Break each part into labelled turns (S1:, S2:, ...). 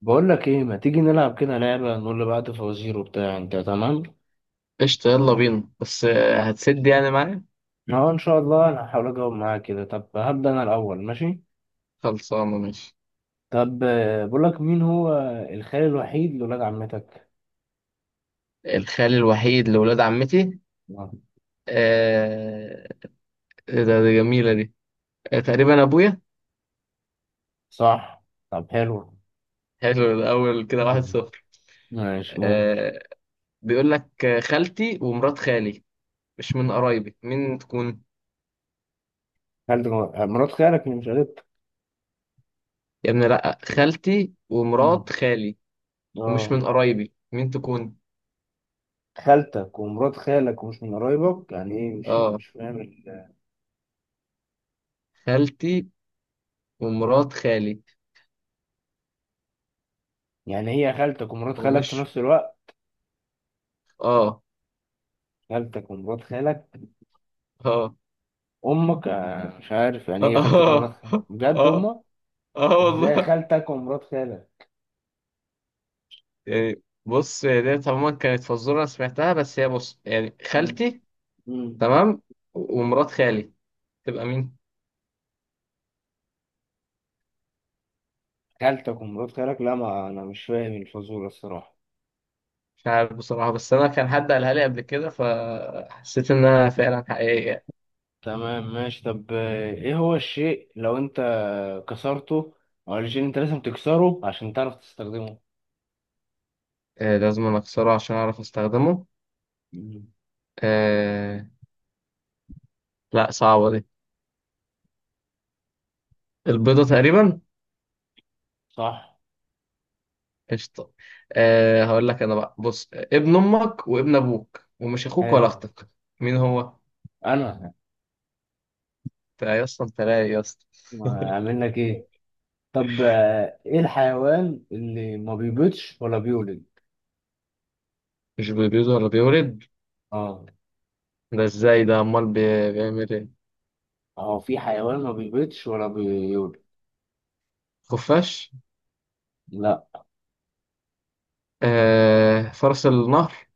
S1: بقول لك ايه، ما تيجي نلعب كده لعبة، نقول لبعض فوازير وبتاع انت. تمام
S2: قشطة، يلا بينا. بس هتسد يعني معايا.
S1: اه، ان شاء الله انا هحاول اجاوب معاك كده. طب هبدأ انا الاول ماشي.
S2: خلصانة، ماشي.
S1: طب، بقول لك مين هو الخال الوحيد لولاد عمتك.
S2: الخال الوحيد لولاد عمتي.
S1: آه،
S2: آه، إيه ده؟ دي جميلة دي. آه، تقريبا أبويا.
S1: صح. طب حلو.
S2: حلو، الأول كده واحد
S1: مم.
S2: صفر
S1: ماشي قول.
S2: آه، بيقول لك خالتي ومرات خالي. مش من قرايبي، مين تكون؟
S1: خالتك مرات خالك اللي مش قريبتك.
S2: يا ابني لأ، خالتي
S1: مم.
S2: ومرات خالي. ومش
S1: اه،
S2: من قرايبي، مين تكون؟
S1: خالتك ومرات خالك ومش من قرايبك؟ يعني ايه، مش
S2: اه،
S1: مش فاهم
S2: خالتي ومرات خالي
S1: يعني هي خالتك ومرات خالك في
S2: ومش.
S1: نفس الوقت؟
S2: اه،
S1: خالتك ومرات خالك
S2: اه،
S1: امك؟ مش عارف يعني
S2: اه،
S1: ايه خالتك ومرات
S2: اه،
S1: خالك،
S2: آه.
S1: بجد
S2: آه.
S1: امك؟
S2: اه
S1: ازاي
S2: والله.
S1: خالتك ومرات خالك.
S2: يعني بص، هي ديت عموما كانت فزورة أنا سمعتها. بس هي، بص، يعني
S1: مم.
S2: خالتي،
S1: مم.
S2: تمام، و- ومرات خالي تبقى مين؟
S1: خالتك ومرات خالك؟ لا، ما انا مش فاهم الفزورة الصراحة.
S2: مش عارف بصراحة، بس أنا كان حد قالها لي قبل كده فحسيت إنها فعلا حقيقية.
S1: تمام ماشي. طب، ايه هو الشيء لو انت كسرته او الشيء انت لازم تكسره عشان تعرف تستخدمه؟
S2: آه، لازم أنا أكسره عشان أعرف أستخدمه.
S1: مم.
S2: آه، لا، صعبة دي. البيضة تقريبا.
S1: صح.
S2: قشطة. آه، هقول لك أنا بقى. بص، ابن أمك وابن أبوك ومش أخوك ولا
S1: حلو.
S2: أختك. مين هو؟
S1: انا
S2: أنت يا اسطى، أنت رايق يا اسطى.
S1: ما اعمل لك ايه؟ طب، ايه الحيوان اللي ما بيبيضش ولا بيولد؟
S2: مش بيبيض ولا بيولد؟
S1: اه،
S2: ده ازاي ده؟ امال بيعمل ايه؟
S1: هو في حيوان ما بيبيضش ولا بيولد.
S2: خفاش؟
S1: لا.
S2: آه، فرس النهر؟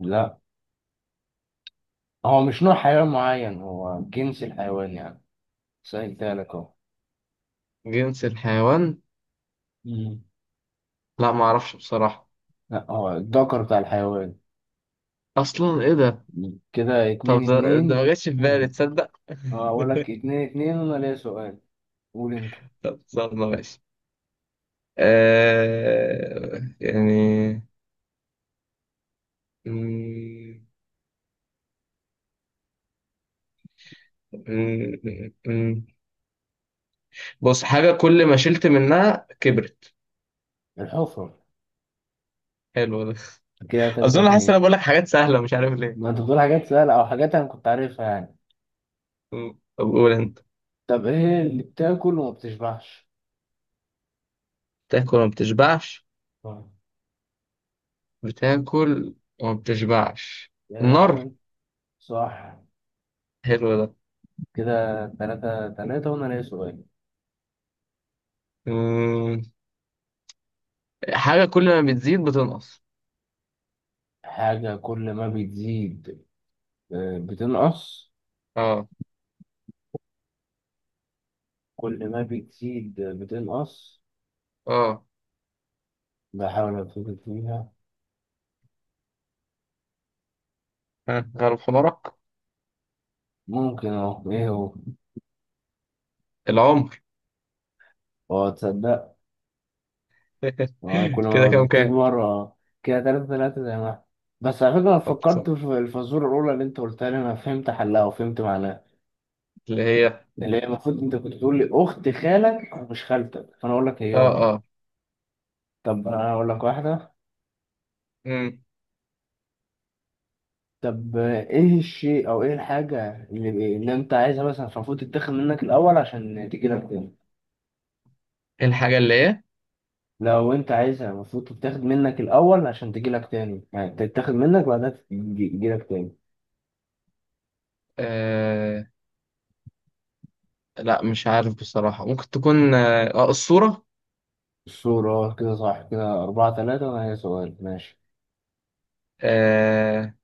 S1: لا هو مش نوع حيوان معين، هو جنس الحيوان يعني، سهلتها لك اهو.
S2: جنس الحيوان.
S1: مم.
S2: لا، ما اعرفش بصراحة.
S1: لا هو الذكر بتاع الحيوان.
S2: اصلا ايه ده؟
S1: كده
S2: طب
S1: اتنين
S2: ده
S1: اتنين
S2: ما جاش في بالي،
S1: مم.
S2: تصدق.
S1: اه، اقول لك 2-2 وانا ليا سؤال. قول انت.
S2: طب، صدمة، ماشي. آه يعني. مم، مم، مم، مم. بص، حاجة كل ما شلت منها كبرت.
S1: الحفرة.
S2: حلو ده.
S1: كده تلاتة
S2: اظن حاسس إن
S1: اتنين
S2: انا بقول لك حاجات سهلة، مش عارف ليه.
S1: ما انت بتقول حاجات سهلة او حاجات انا كنت عارفها يعني.
S2: مم. طب قول انت.
S1: طب ايه اللي بتاكل وما بتشبعش؟
S2: تاكل ما بتشبعش؟
S1: طيب.
S2: بتاكل وما بتشبعش.
S1: يعني
S2: النار.
S1: حاجة. صح.
S2: حلو ده.
S1: كده 3-3 وانا ليا سؤال.
S2: مم. حاجة كل ما بتزيد بتنقص.
S1: حاجة كل ما بتزيد، اه، بتنقص.
S2: اه،
S1: كل ما بتزيد بتنقص.
S2: اه.
S1: بحاول أفتكر فيها.
S2: ها، غلب حمارك.
S1: ممكن أهو، إيه هو؟
S2: العمر.
S1: أه تصدق. أه، كل
S2: كده
S1: ما
S2: كام كام؟
S1: بتكبر أه. كده تلاتة تلاتة زي ما إحنا. بس على فكرة، أنا
S2: طب،
S1: فكرت
S2: طب.
S1: في الفازورة الأولى اللي أنت قلتها لي، أنا فهمت حلها وفهمت معناها.
S2: اللي هي
S1: اللي هي المفروض أنت كنت تقول لي أخت خالك ومش خالتك، فأنا أقول لك هي أمي.
S2: اه
S1: طب أنا أقول لك واحدة.
S2: مم.
S1: طب إيه الشيء أو إيه الحاجة اللي أنت عايزها مثلا، فالمفروض تتاخد منك الأول عشان تجيلك تاني.
S2: الحاجة اللي هي
S1: لو انت عايزها، المفروض تتاخد منك الاول عشان تجيلك تاني، يعني تتاخد منك بعدها تجيلك تاني.
S2: آه... لا، مش عارف بصراحة. ممكن تكون الصورة.
S1: الصورة؟ كده صح. كده 4-3 وأنا هي سؤال ماشي.
S2: آه...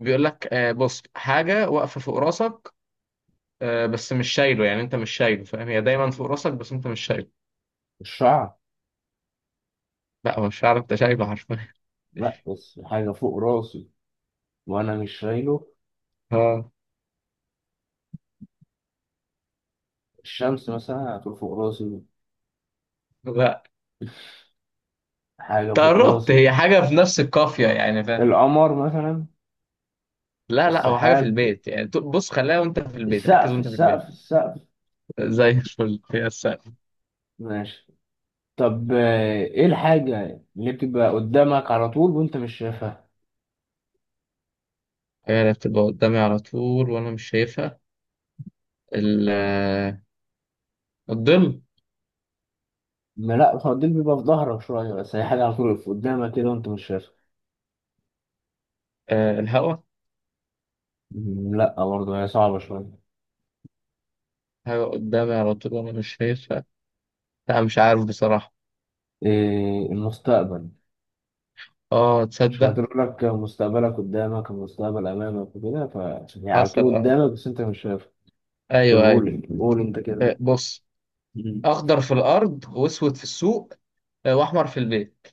S2: بيقول لك، بص، حاجة واقفة فوق راسك. آه، بس مش شايله، يعني انت مش شايله، فاهم؟ هي دايما فوق راسك بس انت مش شايله.
S1: الشعر.
S2: لا، هو مش عارف، انت شايله حرفيا.
S1: لأ بس حاجة فوق راسي وأنا مش شايله.
S2: اه.
S1: الشمس مثلا هتقول فوق راسي.
S2: لا،
S1: حاجة فوق
S2: تقربت، هي
S1: راسي.
S2: حاجة في نفس القافية، يعني فاهم؟
S1: القمر مثلا.
S2: لا، لا، هو حاجة في
S1: السحاب.
S2: البيت، يعني بص خليها وانت في البيت، ركز
S1: السقف
S2: وانت في
S1: السقف
S2: البيت.
S1: السقف.
S2: زي الفل. هي السقف.
S1: ماشي. طب، ايه الحاجة اللي بتبقى قدامك على طول وانت مش شايفها؟
S2: هي اللي بتبقى قدامي على طول وانا مش شايفها؟ ال- آه، الظل.
S1: ما لا، الخناديل بيبقى في ظهرك شوية، بس هي حاجة على طول في قدامك كده وأنت مش شايفها.
S2: الهوا.
S1: لا برضه، هي صعبة شوية.
S2: حاجة قدامي على طول وانا مش شايفها. لا، مش عارف بصراحة.
S1: إيه، المستقبل؟
S2: اه،
S1: مش
S2: تصدق.
S1: هتقول لك مستقبلك قدامك، المستقبل أمامك وكده، فهي على
S2: حصل،
S1: طول
S2: اه،
S1: قدامك بس أنت مش شايفها. طب
S2: ايوه ايوه.
S1: قول، قول أنت كده.
S2: آه، بص،
S1: مم.
S2: اخضر في الارض واسود في السوق، واحمر في البيت.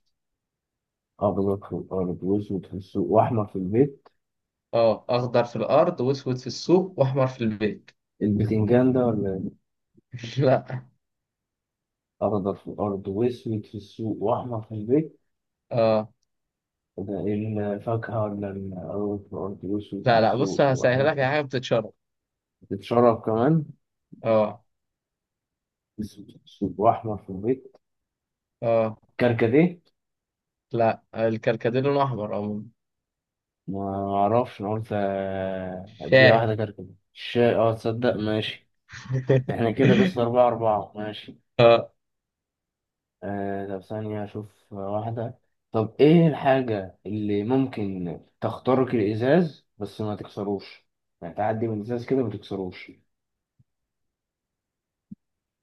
S1: أخضر في الأرض وأسود في السوق وأحمر في البيت.
S2: اه، اخضر في الارض واسود في السوق واحمر في البيت.
S1: البتنجان ده ولا إيه؟
S2: لا.
S1: أخضر في الأرض وأسود في السوق وأحمر في البيت.
S2: اه.
S1: ده إيه؟ الفاكهة ولا الأرض، في الأرض وأسود في
S2: لا، لا، بص
S1: السوق
S2: هسهل
S1: وأحمر
S2: لك،
S1: في البيت؟
S2: حاجه بتتشرب.
S1: بتشرب كمان.
S2: اه.
S1: اسود أسود واحمر في البيت.
S2: اه.
S1: كركديه.
S2: لا، الكركديه لونه احمر عموما.
S1: ما اعرفش، انا قلت اديها
S2: شاي.
S1: واحده كركديه الشاي، اه تصدق. ماشي، احنا كده لسه 4-4. ماشي، آه، طب ثانية اشوف واحدة. طب ايه الحاجة اللي ممكن تخترق الازاز بس ما تكسروش؟ يعني تعدي من الازاز كده ما تكسروش.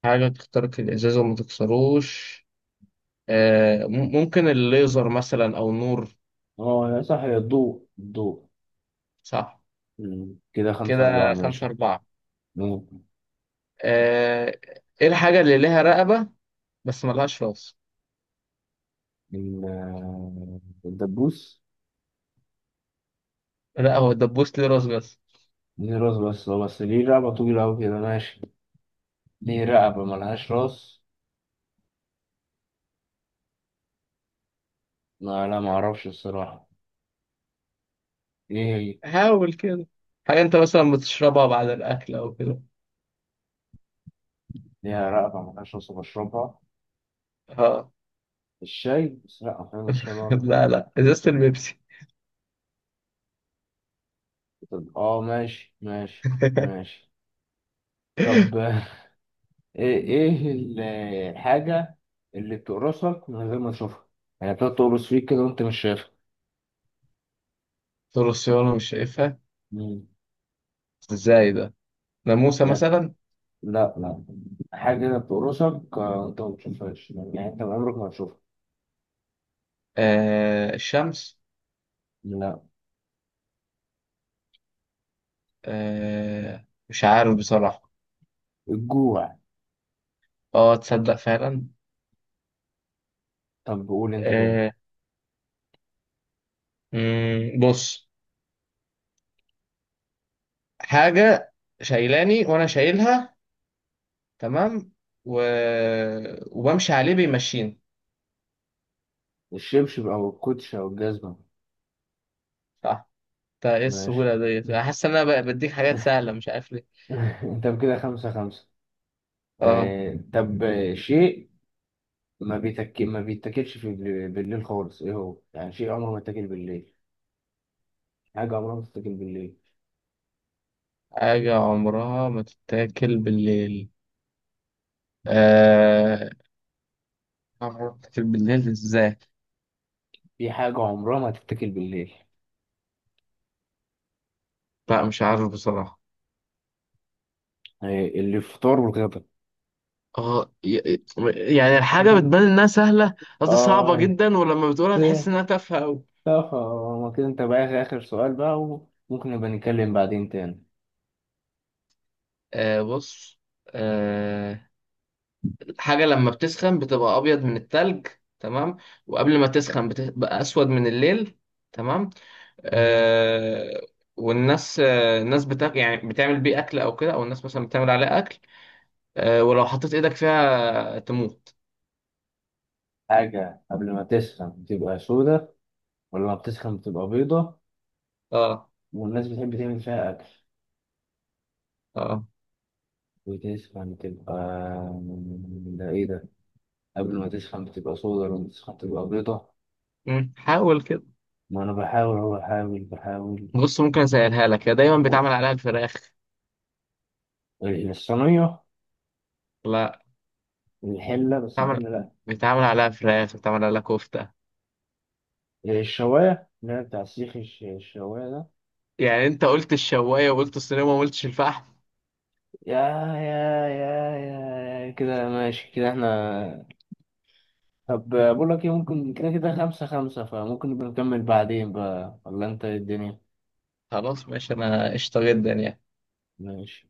S2: حاجه تخترق الازاز وما تكسروش. ممكن الليزر مثلا او النور.
S1: اه يا صح، يا الضوء، الضوء.
S2: صح.
S1: كده 5-4
S2: كده خمسة
S1: ماشي.
S2: أربعة
S1: ممكن.
S2: آه، ايه الحاجه اللي ليها رقبه بس ملهاش راس؟
S1: الدبوس.
S2: لا، هو الدبوس ليه راس بس.
S1: دي راس بس، هو بس ليه رقبة طويلة أوي كده ماشي. ليه رقبة ملهاش راس؟ ما لا، معرفش الصراحة. إيه هي؟
S2: حاول كده، حاجه انت مثلا بتشربها بعد الاكل او كده.
S1: ليها رقبة ملهاش راس وبشربها.
S2: اه.
S1: الشاي، بس لأ أحيانا الشاي مرة.
S2: لا، لا، ازازه البيبسي.
S1: طب آه، ماشي ماشي ماشي. طب إيه، إيه الحاجة اللي بتقرصك من غير ما تشوفها؟ يعني بتقعد تقرص فيك كده وأنت مش شايفها.
S2: طول السيارة مش شايفها.
S1: مم.
S2: ازاي ده؟ ناموسة
S1: لا.
S2: مثلا.
S1: لا لا. حاجة كده بتقرصك، أنت ما بتشوفهاش، يعني أنت عمرك ما هتشوفها.
S2: آه، الشمس.
S1: لا.
S2: آه، مش عارف بصراحة.
S1: الجوع.
S2: اه، تصدق فعلا.
S1: طب قول أنت كده.
S2: آه، بص، حاجة شايلاني وانا شايلها، تمام، و... وبمشي عليه بيمشيني.
S1: الشبشب أو الكوتش أو الجزمة.
S2: صح. انت ايه
S1: ماشي
S2: السهولة ديت، انا حاسس ان انا بديك حاجات سهلة، مش عارف ليه.
S1: طب كده 5-5.
S2: اه.
S1: آه، طب، شيء ما بيتك ما بيتاكلش في بالليل خالص، إيه هو؟ يعني شيء عمره ما يتاكل بالليل. حاجة عمرها ما تتاكل بالليل.
S2: حاجة عمرها ما تتاكل بالليل؟ آه، عمرها ما تتاكل بالليل ازاي؟
S1: في حاجة عمرها ما تتاكل بالليل.
S2: لا، مش عارف بصراحة.
S1: آه، الفطار والغدا.
S2: اه، يعني الحاجة
S1: مم.
S2: بتبان انها سهلة. قصدي صعبة
S1: آه
S2: جدا، ولما بتقولها تحس
S1: ده-
S2: انها تافهة اوي.
S1: طب، ما كده أنت بقى آخر، آخر سؤال بقى. وممكن نبقى نتكلم بعدين تاني.
S2: آه، بص. آه، الحاجة لما بتسخن بتبقى ابيض من التلج، تمام، وقبل ما تسخن بتبقى اسود من الليل، تمام.
S1: مم.
S2: آه، والناس آه الناس بتاكل يعني بتعمل بيه اكل او كده، او الناس مثلا بتعمل عليه اكل. آه، ولو حطيت ايدك فيها تموت.
S1: حاجة قبل ما تسخن بتبقى سودة ولا ما بتسخن بتبقى بيضة،
S2: اه،
S1: والناس بتحب تعمل فيها أكل
S2: اه.
S1: وتسخن تبقى. ده إيه ده؟ قبل ما تسخن بتبقى صودا، لما تسخن تبقى بيضة.
S2: حاول كده.
S1: ما أنا بحاول أهو، بحاول بحاول.
S2: بص، ممكن اسهلها لك، هي دايما بيتعمل عليها الفراخ.
S1: الصينية.
S2: لا.
S1: الحلة، بس
S2: بيتعمل
S1: الحلة.
S2: بيتعمل عليها فراخ، بيتعمل عليها كفتة.
S1: لأ الشواية اللي هي بتاع السيخ، الشواية ده.
S2: يعني انت قلت الشواية وقلت الصينية وما قلتش الفحم.
S1: يا يا يا يا يا، كده ماشي، كده احنا. طب بقول لك ايه، ممكن كده، كده 5-5، فممكن نبقى نكمل بعدين بقى، ولا انت إيه الدنيا؟
S2: خلاص، ماشي، انا قشطة جدا يعني.
S1: ماشي